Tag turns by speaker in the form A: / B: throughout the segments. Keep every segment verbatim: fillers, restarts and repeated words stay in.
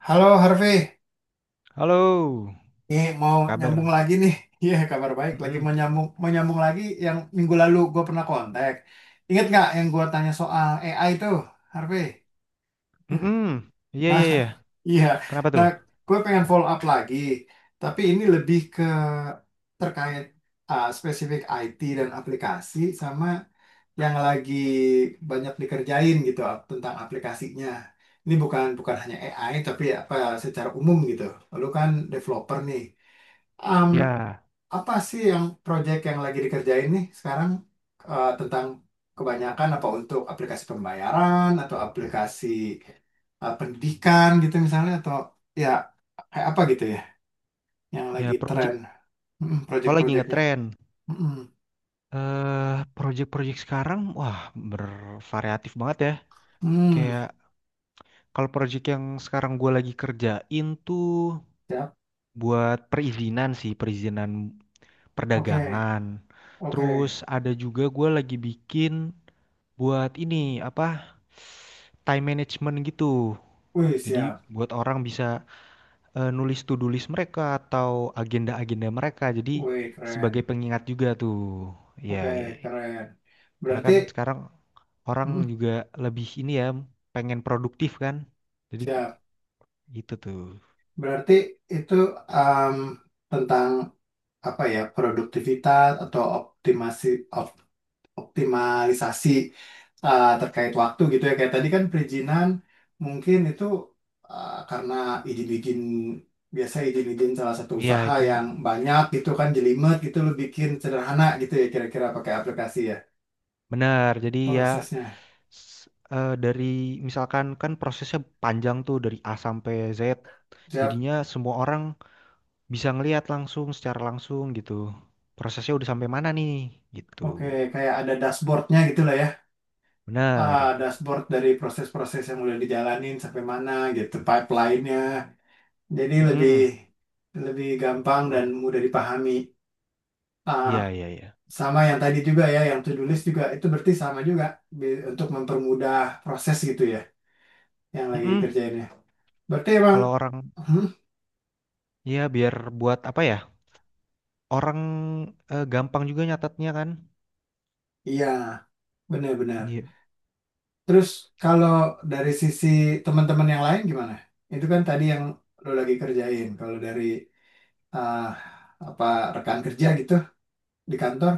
A: Halo Harvey,
B: Halo,
A: nih mau
B: apa kabar?
A: nyambung lagi nih. Iya, kabar baik. Lagi
B: Mm-mm.
A: mau nyambung, mau nyambung lagi yang minggu lalu gue pernah kontak. Ingat nggak yang gue tanya soal A I itu, Harvey?
B: Mm-mm. Iya,
A: Nah,
B: iya, iya.
A: iya.
B: Kenapa
A: Nah,
B: tuh?
A: gue pengen follow up lagi. Tapi ini lebih ke terkait uh, spesifik I T dan aplikasi sama yang lagi banyak dikerjain gitu ap- tentang aplikasinya. Ini bukan bukan hanya A I tapi apa secara umum gitu. Lalu kan developer nih. Em,
B: Ya,
A: apa sih yang project yang lagi dikerjain nih sekarang eh, tentang kebanyakan apa untuk aplikasi pembayaran atau aplikasi eh, pendidikan gitu misalnya atau ya kayak apa gitu ya yang lagi
B: ya, project.
A: tren. Mm,
B: Oh, lagi
A: project-projectnya.
B: ngetren.
A: Mm, mm.
B: Eh, project-project sekarang, wah, bervariatif banget ya.
A: Hmm,
B: Kayak kalau project yang sekarang gue lagi kerjain tuh
A: siap.
B: buat perizinan sih, perizinan
A: Oke,
B: perdagangan. Terus
A: oke.
B: ada juga gue lagi bikin buat ini apa? Time management gitu.
A: Wih,
B: Jadi
A: siap.
B: buat orang bisa eh, nulis to-do list mereka atau agenda-agenda mereka. Jadi
A: Wih,
B: sebagai
A: keren.
B: pengingat juga tuh. Ya, ya,
A: Oke,
B: ya.
A: keren.
B: Karena
A: Berarti,
B: kan sekarang orang
A: hmm,
B: juga lebih ini ya, pengen produktif kan. Jadi
A: siap.
B: gitu tuh.
A: Berarti itu um, tentang apa ya, produktivitas atau optimasi, op- optimalisasi uh, terkait waktu gitu ya. Kayak tadi kan perizinan mungkin itu uh, karena izin-izin biasa izin-izin salah satu
B: Ya
A: usaha
B: itu
A: yang banyak gitu kan jelimet gitu lo bikin sederhana gitu ya kira-kira pakai aplikasi ya
B: benar. Jadi ya
A: prosesnya.
B: s- eh, dari misalkan kan prosesnya panjang tuh dari A sampai Z.
A: Siap.
B: Jadinya semua orang bisa ngelihat langsung secara langsung gitu. Prosesnya udah sampai mana nih gitu.
A: Oke, kayak ada dashboardnya gitu lah ya. Ah,
B: Benar.
A: dashboard dari proses-proses yang udah dijalanin sampai mana gitu, pipeline-nya. Jadi lebih
B: Mm-mm.
A: lebih gampang dan mudah dipahami. Ah,
B: Iya, iya, iya.
A: sama yang tadi juga ya, yang to-do list juga itu berarti sama juga bi- untuk mempermudah proses gitu ya yang lagi
B: Mm-mm.
A: dikerjainnya. Berarti emang
B: Kalau orang,
A: hmm,
B: ya biar buat apa ya? Orang eh, gampang juga nyatetnya kan.
A: iya, benar-benar.
B: Iya,
A: Terus kalau dari sisi teman-teman yang lain gimana? Itu kan tadi yang lo lagi kerjain. Kalau dari ah, apa rekan kerja gitu di kantor.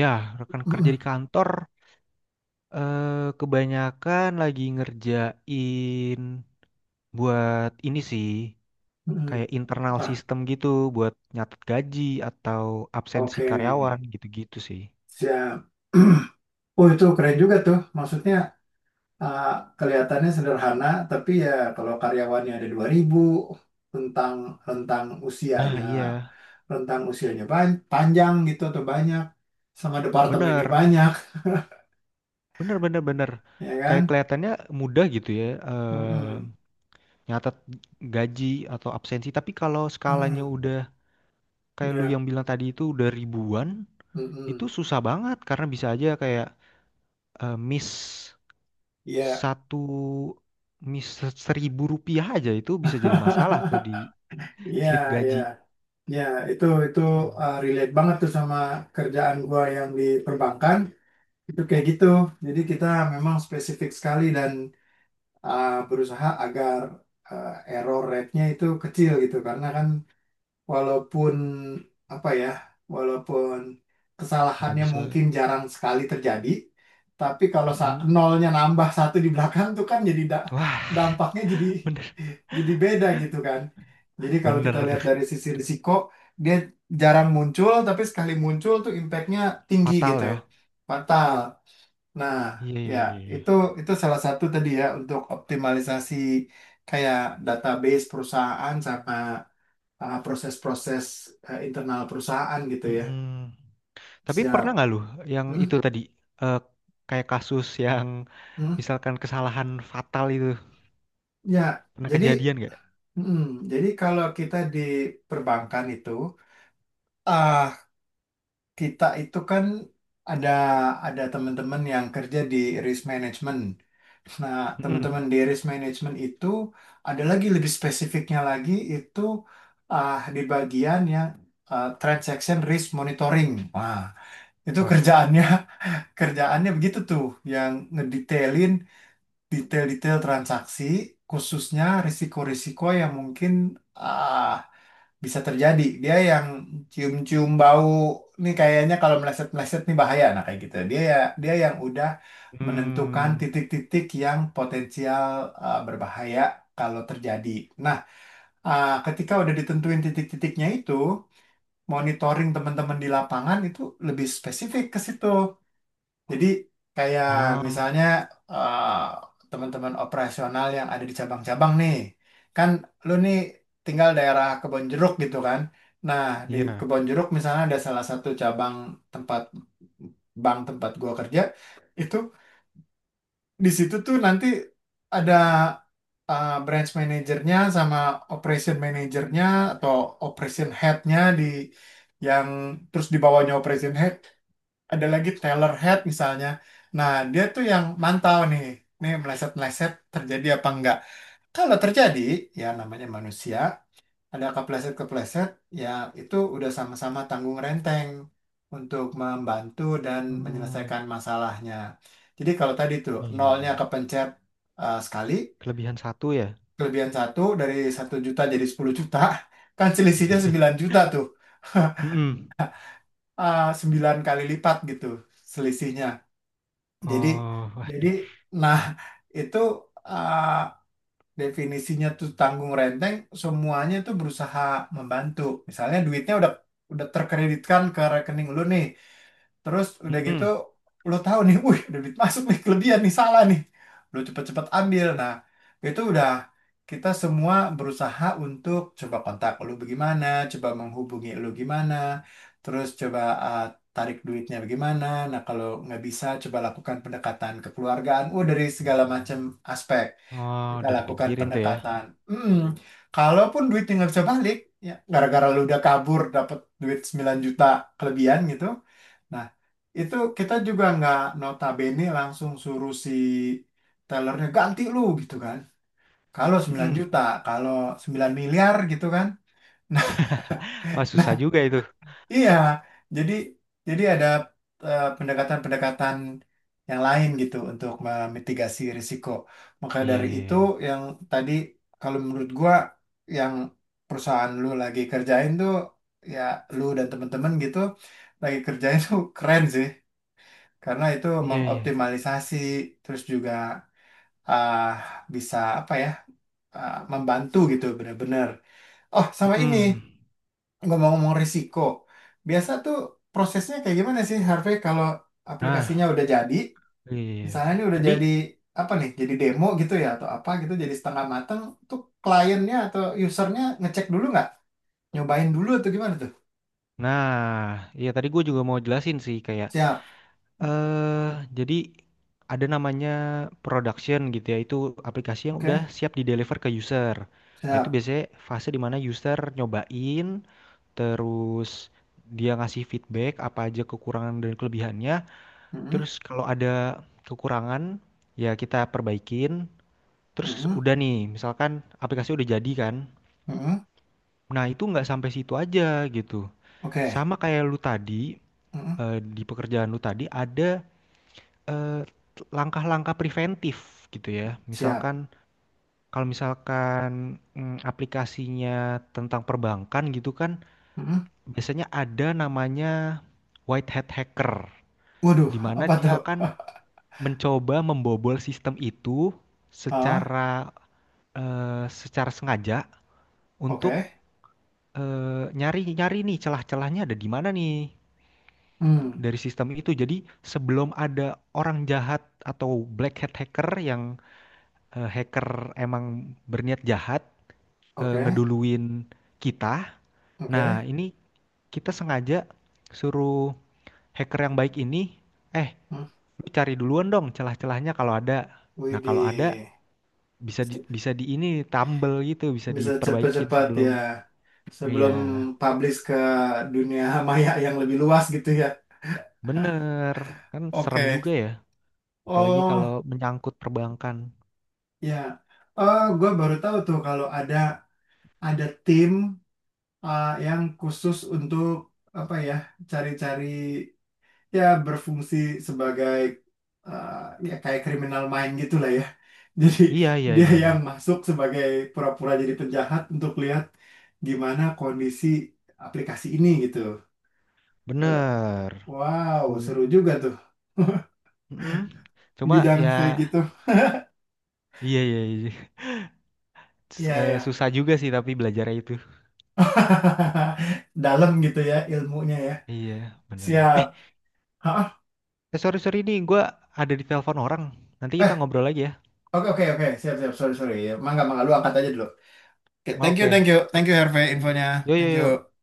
B: ya, rekan kerja di
A: Hmm,
B: kantor eh, kebanyakan lagi ngerjain buat ini sih,
A: mm-mm.
B: kayak internal
A: Apa?
B: sistem gitu, buat nyatet gaji atau absensi
A: Oke,
B: karyawan gitu-gitu sih.
A: siap. Oh, itu keren juga tuh. Maksudnya uh, kelihatannya sederhana, tapi ya kalau karyawannya ada dua ribu rentang rentang
B: Nah,
A: usianya
B: iya,
A: rentang usianya ban- panjang gitu atau banyak sama departemennya
B: bener,
A: banyak,
B: bener, bener, bener.
A: ya
B: Kayak
A: kan?
B: kelihatannya mudah gitu ya, eh,
A: Mm-mm.
B: nyatet gaji atau absensi. Tapi kalau skalanya udah
A: Mm-mm.
B: kayak lu
A: Ya,
B: yang bilang tadi itu udah ribuan, itu
A: mm-mm.
B: susah banget karena bisa aja kayak eh, miss
A: Ya.
B: satu miss seribu rupiah aja itu bisa jadi masalah tuh di
A: Iya,
B: slip
A: iya,
B: gaji.
A: iya, itu itu
B: Hmm.
A: uh, relate banget tuh sama kerjaan gua yang di perbankan. Itu kayak gitu. Jadi kita memang spesifik sekali dan uh, berusaha agar uh, error rate-nya itu kecil gitu. Karena kan walaupun apa ya, walaupun
B: Nggak
A: kesalahannya
B: bisa.
A: mungkin jarang sekali terjadi, tapi kalau sa-
B: Mm-mm.
A: nolnya nambah satu di belakang tuh kan jadi da-
B: Wah,
A: dampaknya jadi
B: bener
A: jadi beda gitu kan. Jadi kalau
B: bener
A: kita lihat
B: tuh.
A: dari sisi risiko, dia jarang muncul, tapi sekali muncul tuh impact-nya tinggi
B: Fatal
A: gitu.
B: ya.
A: Fatal. Nah,
B: Iya
A: ya
B: iya iya, iya.
A: itu itu salah satu tadi ya untuk optimalisasi kayak database perusahaan sama uh, proses-proses uh, internal perusahaan gitu ya.
B: Mm-mm. Tapi pernah
A: Siap.
B: nggak lu yang
A: Hmm,
B: itu tadi eh, kayak kasus yang
A: hmm.
B: misalkan kesalahan fatal itu?
A: Ya,
B: Pernah
A: jadi
B: kejadian nggak?
A: hmm, jadi kalau kita di perbankan itu ah kita itu kan ada ada teman-teman yang kerja di risk management. Nah,
B: Mhm.
A: teman-teman di risk management itu ada lagi lebih spesifiknya lagi itu ah, di bagian yang ah, transaction risk monitoring. Wah, itu
B: Wah,
A: kerjaannya kerjaannya begitu tuh yang ngedetailin detail-detail transaksi khususnya risiko-risiko yang mungkin ah, bisa terjadi dia yang cium-cium bau nih kayaknya kalau meleset-meleset nih bahaya nah kayak gitu dia ya dia yang udah menentukan
B: mmm,
A: titik-titik yang potensial uh, berbahaya kalau terjadi nah uh, ketika udah ditentuin titik-titiknya itu monitoring teman-teman di lapangan itu lebih spesifik ke situ jadi kayak
B: ah,
A: misalnya eh, teman-teman operasional yang ada di cabang-cabang nih, kan lu nih tinggal daerah Kebon Jeruk gitu kan. Nah, di
B: iya,
A: Kebon Jeruk misalnya ada salah satu cabang tempat bank tempat gua kerja, itu di situ tuh nanti ada eh, branch manajernya sama operation manajernya atau operation headnya di yang terus di bawahnya operation head ada lagi Taylor Head misalnya. Nah, dia tuh yang mantau nih, nih meleset-meleset terjadi apa enggak. Kalau terjadi, ya namanya manusia, ada kepleset-kepleset, ya itu udah sama-sama tanggung renteng untuk membantu dan
B: mmm,
A: menyelesaikan masalahnya. Jadi kalau tadi tuh
B: iya iya,
A: nolnya
B: iya.
A: kepencet eh, sekali,
B: Kelebihan satu ya?
A: kelebihan satu dari satu juta jadi sepuluh juta, kan selisihnya sembilan juta tuh.
B: Mhm.
A: Ah, sembilan kali lipat gitu selisihnya. Jadi
B: Oh,
A: jadi
B: waduh,
A: nah itu uh, definisinya tuh tanggung renteng semuanya itu berusaha membantu. Misalnya duitnya udah udah terkreditkan ke rekening lu nih. Terus udah gitu
B: mhm.
A: lo tahu nih, wih ada duit masuk nih kelebihan nih salah nih. Lo cepet-cepet ambil. Nah itu udah kita semua berusaha untuk coba kontak lo bagaimana, coba menghubungi lo gimana, terus coba eh, tarik duitnya bagaimana. Nah kalau nggak bisa coba lakukan pendekatan kekeluargaan. Oh dari segala macam aspek
B: Oh,
A: kita
B: udah
A: lakukan
B: dipikirin tuh ya,
A: pendekatan. Hmm, kalaupun duitnya nggak bisa balik, ya gara-gara lu udah kabur dapat duit sembilan juta kelebihan gitu. Nah, itu kita juga nggak notabene langsung suruh si tellernya ganti lu gitu kan. Kalau sembilan
B: mhm.
A: juta, kalau sembilan miliar gitu kan. Nah,
B: Wah, susah
A: nah
B: juga itu.
A: iya. Jadi jadi ada eh, pendekatan-pendekatan yang lain gitu untuk memitigasi risiko. Maka
B: Iya
A: dari
B: iya
A: itu
B: iya.
A: yang tadi kalau menurut gua yang perusahaan lu lagi kerjain tuh ya lu dan temen-temen gitu lagi kerjain tuh keren sih. Karena itu
B: Iya iya,
A: mengoptimalisasi terus juga ah, bisa apa ya ah, membantu gitu benar-benar. Oh, sama ini
B: mhm.
A: ngomong-ngomong risiko. Biasa tuh prosesnya kayak gimana sih Harvey kalau aplikasinya
B: Nah,
A: udah jadi,
B: iya.
A: misalnya ini udah
B: Tadi
A: jadi apa nih, jadi demo gitu ya atau apa gitu jadi setengah mateng tuh kliennya atau usernya ngecek dulu nggak? Nyobain dulu atau gimana tuh?
B: nah, iya tadi gue juga mau jelasin sih kayak,
A: Siap.
B: eh jadi ada namanya production gitu ya, itu aplikasi yang udah
A: Oke,
B: siap di deliver ke user. Nah, itu
A: siap.
B: biasanya fase di mana user nyobain, terus dia ngasih feedback apa aja kekurangan dan kelebihannya.
A: Mm-mm,
B: Terus kalau ada kekurangan, ya kita perbaikin. Terus
A: mm-mm,
B: udah nih, misalkan aplikasi udah jadi kan.
A: mm-mm.
B: Nah, itu nggak sampai situ aja gitu.
A: Oke.
B: Sama kayak lu tadi,
A: Mm-mm,
B: eh, di pekerjaan lu tadi ada eh, langkah-langkah preventif gitu ya.
A: siap.
B: Misalkan kalau misalkan mm, aplikasinya tentang perbankan gitu kan
A: Mm-mm.
B: biasanya ada namanya white hat hacker
A: Waduh,
B: di mana
A: apa
B: dia
A: tuh?
B: akan mencoba membobol sistem itu
A: Hah?
B: secara eh, secara sengaja untuk
A: Oke.
B: eh, nyari-nyari nih celah-celahnya ada di mana nih
A: Hmm.
B: dari sistem itu. Jadi sebelum ada orang jahat atau black hat hacker yang eh, hacker emang berniat jahat eh,
A: Oke.
B: ngeduluin kita.
A: Oke.
B: Nah, ini kita sengaja suruh hacker yang baik ini, eh,
A: Hmm.
B: lu cari duluan dong celah-celahnya kalau ada. Nah, kalau ada
A: Widih.
B: bisa di, bisa di ini tambel gitu, bisa
A: Bisa
B: diperbaikin
A: cepat-cepat
B: sebelum.
A: ya.
B: Iya,
A: Sebelum publish ke dunia maya yang lebih luas gitu ya.
B: bener. Kan serem
A: Oke.
B: juga ya, apalagi kalau
A: Oh,
B: menyangkut perbankan.
A: ya. Oh, gue baru tahu tuh kalau ada ada tim uh, yang khusus untuk apa ya, cari-cari ya berfungsi sebagai eh, ya kayak criminal mind gitu lah ya. Jadi
B: Iya, iya,
A: dia
B: iya,
A: yang
B: iya.
A: masuk sebagai pura-pura jadi penjahat untuk lihat gimana kondisi aplikasi ini gitu. Eh,
B: Bener.
A: wow, seru
B: Tuh.
A: juga tuh
B: Mm-mm. Cuma ya,
A: bidang kayak gitu.
B: iya, iya, iya. S-
A: Iya
B: eh,
A: ya.
B: susah juga sih tapi belajarnya itu.
A: Dalam gitu ya ilmunya ya.
B: Iya, bener.
A: Siap.
B: Eh,
A: Hah?
B: eh, sorry sorry ini gue ada di telepon orang. Nanti kita
A: Eh,
B: ngobrol lagi ya.
A: oke oke oke. Siap siap. Sorry sorry. Mangga mangga lu angkat aja dulu. Oke, thank you thank you
B: Oke.
A: thank you Herve
B: Thank you.
A: infonya.
B: Yo yo
A: Thank
B: yo.
A: you.